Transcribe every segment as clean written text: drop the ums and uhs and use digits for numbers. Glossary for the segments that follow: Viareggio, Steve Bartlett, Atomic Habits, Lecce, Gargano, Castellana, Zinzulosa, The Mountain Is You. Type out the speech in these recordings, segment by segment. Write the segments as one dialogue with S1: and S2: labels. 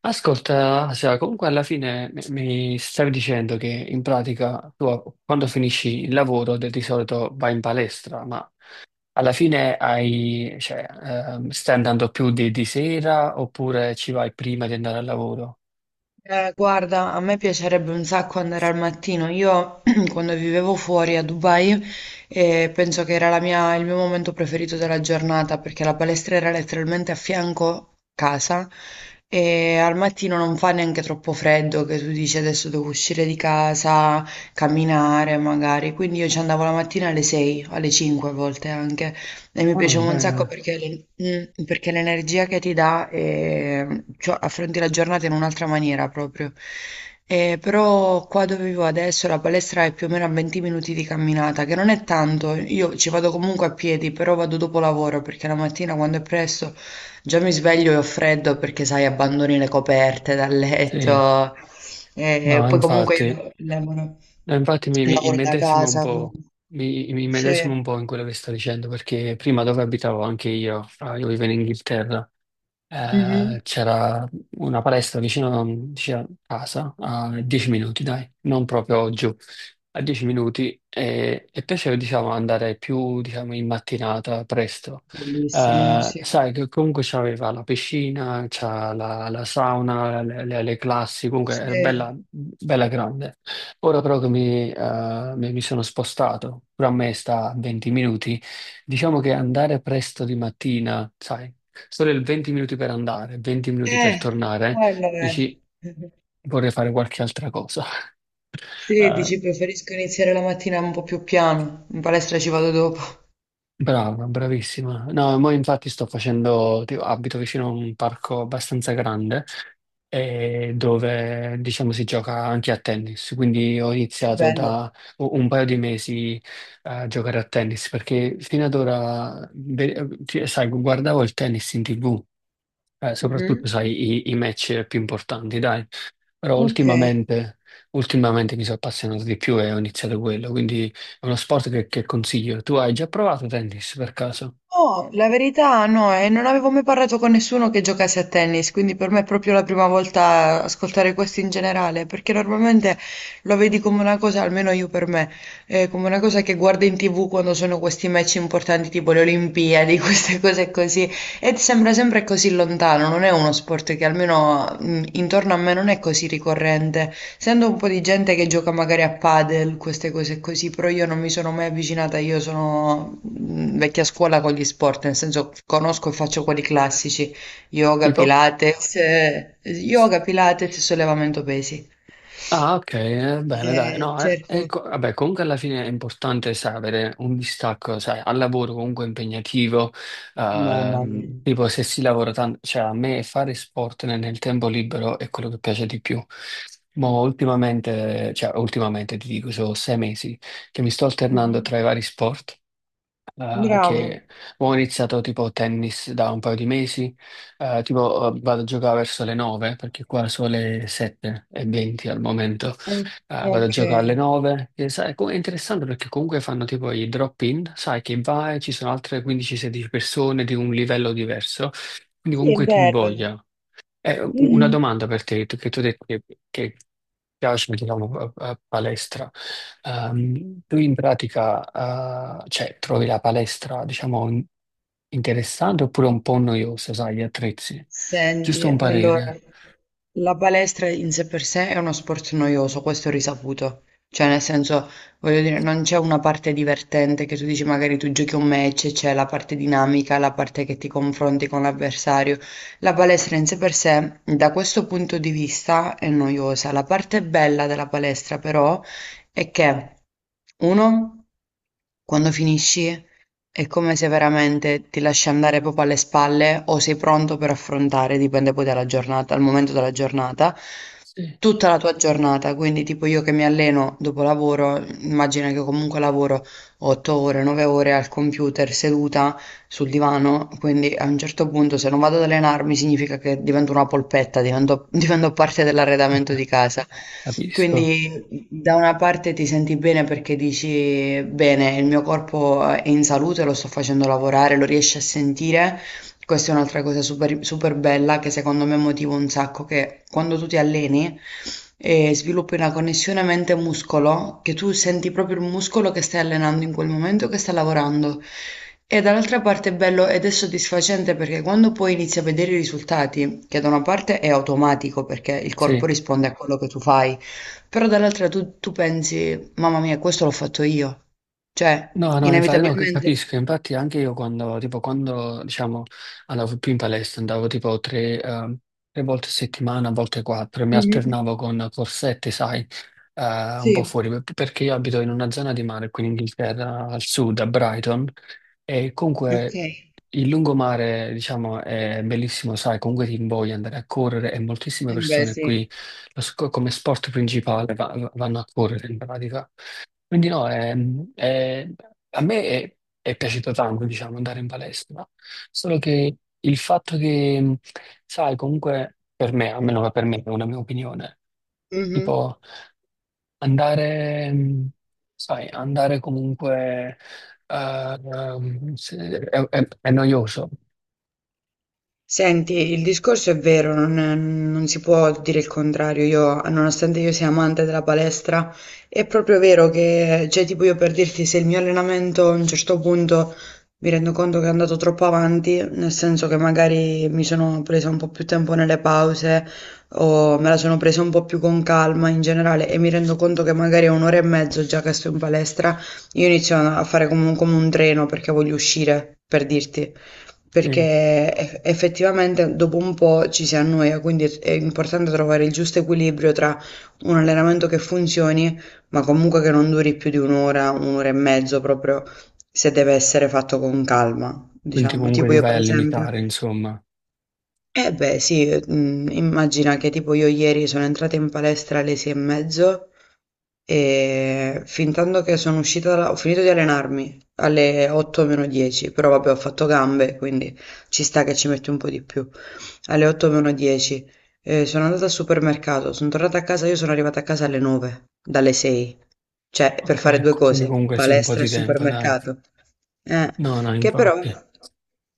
S1: Ascolta, Asia, comunque alla fine mi stavi dicendo che in pratica tu quando finisci il lavoro di solito vai in palestra, ma alla fine hai, cioè, stai andando più di sera oppure ci vai prima di andare al lavoro?
S2: Guarda, a me piacerebbe un sacco andare al mattino. Io quando vivevo fuori a Dubai, penso che era il mio momento preferito della giornata perché la palestra era letteralmente a fianco casa e al mattino non fa neanche troppo freddo che tu dici adesso devo uscire di casa, camminare magari. Quindi io ci andavo la mattina alle 6, alle 5 a volte anche. E mi
S1: Ah, va
S2: piaceva un sacco
S1: bene,
S2: perché l'energia che ti dà, cioè, affronti la giornata in un'altra maniera proprio. Però qua dove vivo adesso la palestra è più o meno a 20 minuti di camminata, che non è tanto, io ci vado comunque a piedi, però vado dopo lavoro perché la mattina quando è presto già mi sveglio e ho freddo perché sai, abbandoni le coperte dal
S1: sì.
S2: letto. Eh,
S1: No,
S2: poi comunque io
S1: infatti,
S2: lavoro,
S1: no, infatti mi
S2: lavoro da
S1: immedesimo un
S2: casa.
S1: po', mi immedesimo
S2: Sì.
S1: un po' in quello che sto dicendo perché prima dove abitavo anche io, io vivo in Inghilterra.
S2: Mhm.
S1: C'era una palestra vicino, vicino a casa, a 10 minuti, dai, non proprio giù, a 10 minuti e piaceva, diciamo, andare più, diciamo, in mattinata, presto.
S2: Bellissimo, sì.
S1: Sai che comunque c'aveva la piscina, c'ha la sauna, le classi, comunque era
S2: Sì.
S1: bella, bella grande. Ora però che mi sono spostato, pure a me sta a 20 minuti, diciamo che andare presto di mattina, sai, solo il 20 minuti per andare, 20 minuti per
S2: Eh,
S1: tornare,
S2: quello è.
S1: dici vorrei fare qualche altra cosa.
S2: Sì,
S1: Eh,
S2: dici preferisco iniziare la mattina un po' più piano, in palestra ci vado dopo.
S1: brava, bravissima. No, mo infatti sto facendo, tipo, abito vicino a un parco abbastanza grande e dove diciamo si gioca anche a tennis, quindi ho
S2: Che
S1: iniziato
S2: bello.
S1: da un paio di mesi a giocare a tennis perché fino ad ora, cioè, sai, guardavo il tennis in TV. Soprattutto,
S2: Mhm.
S1: sai, i match più importanti, dai. Però
S2: Ok.
S1: ultimamente mi sono appassionato di più e ho iniziato quello, quindi è uno sport che consiglio. Tu hai già provato tennis per caso?
S2: Oh, la verità no, non avevo mai parlato con nessuno che giocasse a tennis, quindi per me è proprio la prima volta ascoltare questo in generale, perché normalmente lo vedi come una cosa, almeno io per me, come una cosa che guardo in TV quando sono questi match importanti tipo le Olimpiadi, queste cose così. Ed sembra sempre così lontano, non è uno sport che almeno intorno a me non è così ricorrente. Sento un po' di gente che gioca magari a padel, queste cose così, però io non mi sono mai avvicinata, io sono vecchia scuola con gli sport, nel senso conosco e faccio quelli classici,
S1: Tipo?
S2: yoga, pilates e sollevamento pesi.
S1: Ah, ok, bene, dai. No,
S2: Certo.
S1: ecco, vabbè, comunque alla fine è importante, sai, avere un distacco, sai, al lavoro comunque impegnativo,
S2: Mamma mia.
S1: tipo se si lavora tanto, cioè a me fare sport nel tempo libero è quello che piace di più. Ma ultimamente, cioè ultimamente ti dico, sono 6 mesi che mi sto alternando
S2: Mhm.
S1: tra i vari sport. Eh,
S2: Bravo.
S1: che ho iniziato tipo tennis da un paio di mesi, vado a giocare verso le 9 perché qua sono le 7 e 20 al momento.
S2: Eh,
S1: Vado a
S2: ok.
S1: giocare alle 9 e sai, è interessante perché comunque fanno tipo i drop-in, sai che vai, ci sono altre 15-16 persone di un livello diverso, quindi
S2: Sì, è
S1: comunque ti
S2: bello.
S1: invoglia. Una
S2: Mhm.
S1: domanda per te, che tu hai detto che piace, diciamo, a palestra. Tu in pratica, cioè, trovi la palestra, diciamo, interessante oppure un po' noiosa, sai, gli attrezzi? Giusto
S2: Senti,
S1: un
S2: allora,
S1: parere.
S2: la palestra in sé per sé è uno sport noioso, questo è risaputo. Cioè, nel senso, voglio dire, non c'è una parte divertente che tu dici magari tu giochi un match, c'è la parte dinamica, la parte che ti confronti con l'avversario. La palestra in sé per sé, da questo punto di vista, è noiosa. La parte bella della palestra, però, è che, uno, quando finisci. È come se veramente ti lasci andare proprio alle spalle o sei pronto per affrontare, dipende poi dalla giornata, dal momento della giornata,
S1: Sì,
S2: tutta la tua giornata, quindi tipo io che mi alleno dopo lavoro, immagina che comunque lavoro 8 ore, 9 ore al computer seduta sul divano, quindi a un certo punto se non vado ad allenarmi significa che divento una polpetta, divento, divento parte dell'arredamento di casa.
S1: capisco.
S2: Quindi da una parte ti senti bene perché dici bene, il mio corpo è in salute, lo sto facendo lavorare, lo riesci a sentire. Questa è un'altra cosa super, super bella che secondo me motiva un sacco, che quando tu ti alleni sviluppi una connessione mente-muscolo, che tu senti proprio il muscolo che stai allenando in quel momento, che sta lavorando. E dall'altra parte è bello ed è soddisfacente perché quando poi inizi a vedere i risultati, che da una parte è automatico perché il corpo
S1: Sì.
S2: risponde a quello che tu fai, però dall'altra tu, tu pensi, mamma mia, questo l'ho fatto io. Cioè,
S1: No, no, infatti, no, capisco,
S2: inevitabilmente...
S1: infatti anche io quando, tipo, quando, diciamo, andavo più in palestra, andavo tipo tre volte a settimana, a volte quattro, e mi
S2: Mhm,
S1: alternavo con corsette, sai, eh, un po'
S2: sì,
S1: fuori, perché io abito in una zona di mare qui in Inghilterra, al sud, a Brighton, e
S2: ok.
S1: comunque il lungomare, diciamo, è bellissimo, sai, comunque ti invoglia andare a correre e moltissime
S2: Eh beh,
S1: persone
S2: sì.
S1: qui, come sport principale, vanno a correre in pratica. Quindi no, a me è piaciuto tanto, diciamo, andare in palestra, solo che il fatto che, sai, comunque per me, almeno che per me, è una mia opinione,
S2: Mhm.
S1: tipo andare, sai, andare comunque è noioso,
S2: Senti, il discorso è vero, non si può dire il contrario. Io, nonostante io sia amante della palestra, è proprio vero che, cioè, tipo io per dirti, se il mio allenamento a un certo punto mi rendo conto che è andato troppo avanti, nel senso che magari mi sono presa un po' più tempo nelle pause o me la sono presa un po' più con calma in generale e mi rendo conto che magari è un'ora e mezzo già che sto in palestra, io inizio a fare come un treno perché voglio uscire, per dirti.
S1: sì.
S2: Perché effettivamente dopo un po' ci si annoia, quindi è importante trovare il giusto equilibrio tra un allenamento che funzioni, ma comunque che non duri più di un'ora, un'ora e mezzo, proprio se deve essere fatto con calma,
S1: Quindi
S2: diciamo.
S1: comunque
S2: Tipo
S1: ti
S2: io
S1: vai
S2: per
S1: a
S2: esempio
S1: limitare, insomma.
S2: eh beh sì, immagina che tipo io ieri sono entrata in palestra alle 6 e mezzo e fin tanto che sono uscita da ho finito di allenarmi alle 8 meno 10, però vabbè ho fatto gambe, quindi ci sta che ci metti un po' di più alle otto meno dieci. Sono andata al supermercato, sono tornata a casa, io sono arrivata a casa alle 9, dalle 6. Cioè, per fare
S1: Ok,
S2: due
S1: quindi
S2: cose,
S1: comunque sì, un po'
S2: palestra e
S1: di tempo, dai.
S2: supermercato. Eh,
S1: No, no,
S2: che però,
S1: infatti.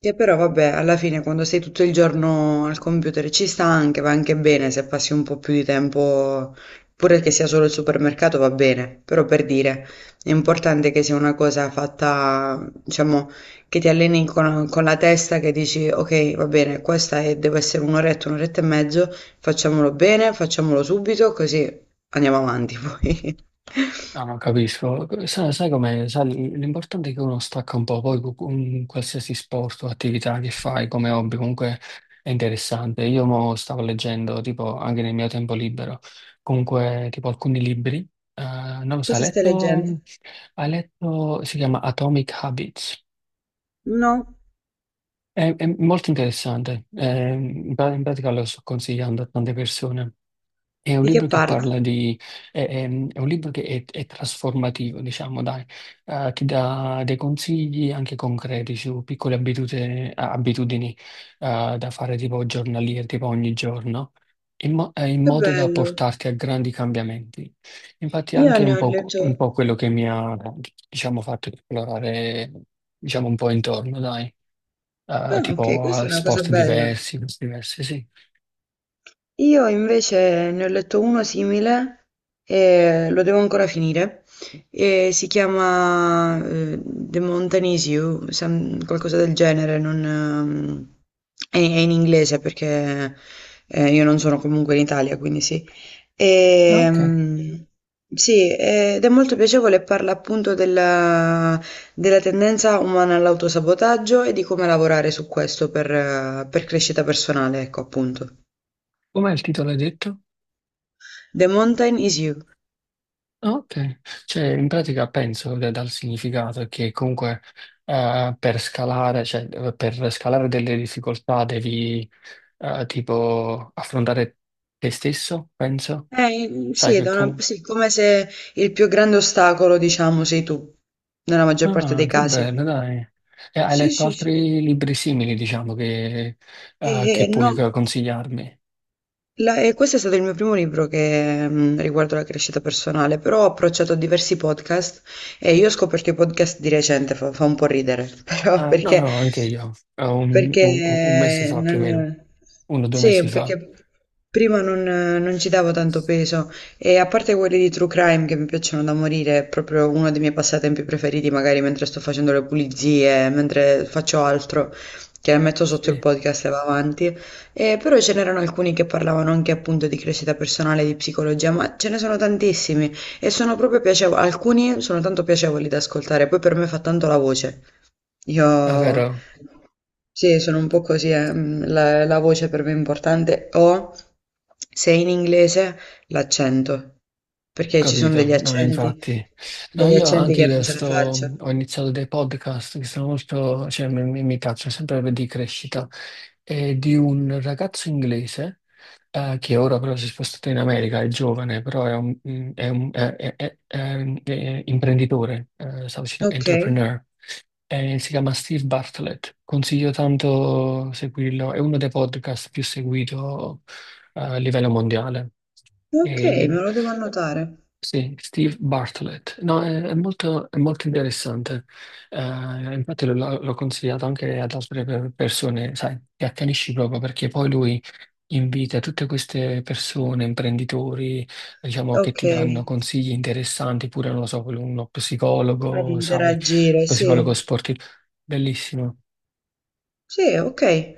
S2: che però, vabbè, alla fine quando sei tutto il giorno al computer ci sta anche, va anche bene se passi un po' più di tempo, pure che sia solo il supermercato va bene, però per dire, è importante che sia una cosa fatta, diciamo, che ti alleni con la testa che dici, ok, va bene, questa è- deve essere un'oretta, un'oretta e mezzo, facciamolo bene, facciamolo subito, così andiamo avanti poi.
S1: No, non capisco. Sai, sai com'è? Sai, l'importante è che uno stacca un po', poi un qualsiasi sport o attività che fai come hobby comunque è interessante. Io mo stavo leggendo, tipo, anche nel mio tempo libero, comunque, tipo, alcuni libri. Non lo so,
S2: Cosa stai leggendo?
S1: hai letto, si chiama Atomic Habits.
S2: No,
S1: È molto interessante. In pratica lo sto consigliando a tante persone. È un
S2: di che
S1: libro che
S2: parla?
S1: parla di, è, è- è un libro che è trasformativo, diciamo, dai. Ti dà dei consigli anche concreti su piccole da fare tipo giornaliere, tipo ogni giorno, in
S2: Che
S1: modo da
S2: bello.
S1: portarti a grandi cambiamenti. Infatti è
S2: Io
S1: anche
S2: ne ho letto...
S1: un po' quello che mi ha, diciamo, fatto esplorare, diciamo, un po' intorno, dai.
S2: Ah, ok,
S1: Tipo
S2: questa è una cosa
S1: sport
S2: bella.
S1: diversi, cose diverse, sì.
S2: Io invece ne ho letto uno simile e lo devo ancora finire. E si chiama The Mountain Is You, qualcosa del genere, non, è in inglese perché io non sono comunque in Italia, quindi sì.
S1: Ah, ok,
S2: Ehm, sì, ed è molto piacevole, parla appunto della tendenza umana all'autosabotaggio e di come lavorare su questo per crescita personale, ecco appunto.
S1: com'è il titolo, hai detto?
S2: The Mountain Is You.
S1: Ah, ok, cioè in pratica penso che dal significato che comunque per scalare delle difficoltà devi tipo affrontare te stesso, penso. Sai
S2: Sì,
S1: che comunque...
S2: sì, come se il più grande ostacolo, diciamo, sei tu, nella maggior parte
S1: Ah,
S2: dei
S1: che
S2: casi.
S1: bello, dai. E hai
S2: Sì,
S1: letto
S2: sì, sì.
S1: altri libri simili, diciamo,
S2: E,
S1: che
S2: e no.
S1: puoi consigliarmi?
S2: E questo è stato il mio primo libro che riguardo la crescita personale, però ho approcciato a diversi podcast e io ho scoperto i podcast di recente, fa un po' ridere, però
S1: Ah, no, no, anche io. Un mese
S2: perché
S1: fa più o meno,
S2: non,
S1: uno o due
S2: sì,
S1: mesi fa.
S2: perché prima non ci davo tanto peso e a parte quelli di True Crime che mi piacciono da morire, è proprio uno dei miei passatempi preferiti, magari mentre sto facendo le pulizie, mentre faccio altro, che metto sotto il
S1: Sì.
S2: podcast e va avanti. Però ce n'erano alcuni che parlavano anche appunto di crescita personale, di psicologia, ma ce ne sono tantissimi e sono proprio piacevoli, alcuni sono tanto piacevoli da ascoltare, poi per me fa tanto la voce.
S1: Ah,
S2: Io
S1: vero?
S2: sì, sono un po' così, la voce per me è importante, o se in inglese l'accento, perché ci sono
S1: Capito, no, infatti. No,
S2: degli
S1: io
S2: accenti
S1: anche
S2: che non
S1: io
S2: ce la
S1: sto,
S2: faccio.
S1: ho iniziato dei podcast che sono molto, cioè mi piacciono sempre di crescita, e di un ragazzo inglese che ora però si è spostato in America, è giovane, però è imprenditore, stavo dicendo
S2: Ok,
S1: entrepreneur. Si chiama Steve Bartlett. Consiglio tanto seguirlo, è uno dei podcast più seguito a livello mondiale.
S2: ok,
S1: E-
S2: me lo devo annotare.
S1: sì, Steve Bartlett. No, è molto interessante. Infatti l'ho consigliato anche ad altre persone, sai, ti accanisci proprio perché poi lui invita tutte queste persone, imprenditori, diciamo, che
S2: Ok,
S1: ti danno consigli interessanti, pure, non lo so, uno
S2: ad
S1: psicologo, sai,
S2: interagire, sì.
S1: psicologo sportivo. Bellissimo.
S2: Sì, okay.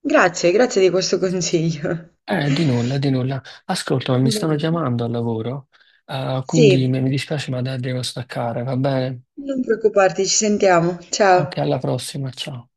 S2: Grazie, grazie di questo consiglio.
S1: Di nulla, di nulla. Ascolta, ma mi
S2: Va
S1: stanno
S2: bene.
S1: chiamando al lavoro, quindi
S2: Sì,
S1: mi dispiace, ma devo staccare, va bene?
S2: non preoccuparti, ci sentiamo.
S1: Ok,
S2: Ciao.
S1: alla prossima, ciao.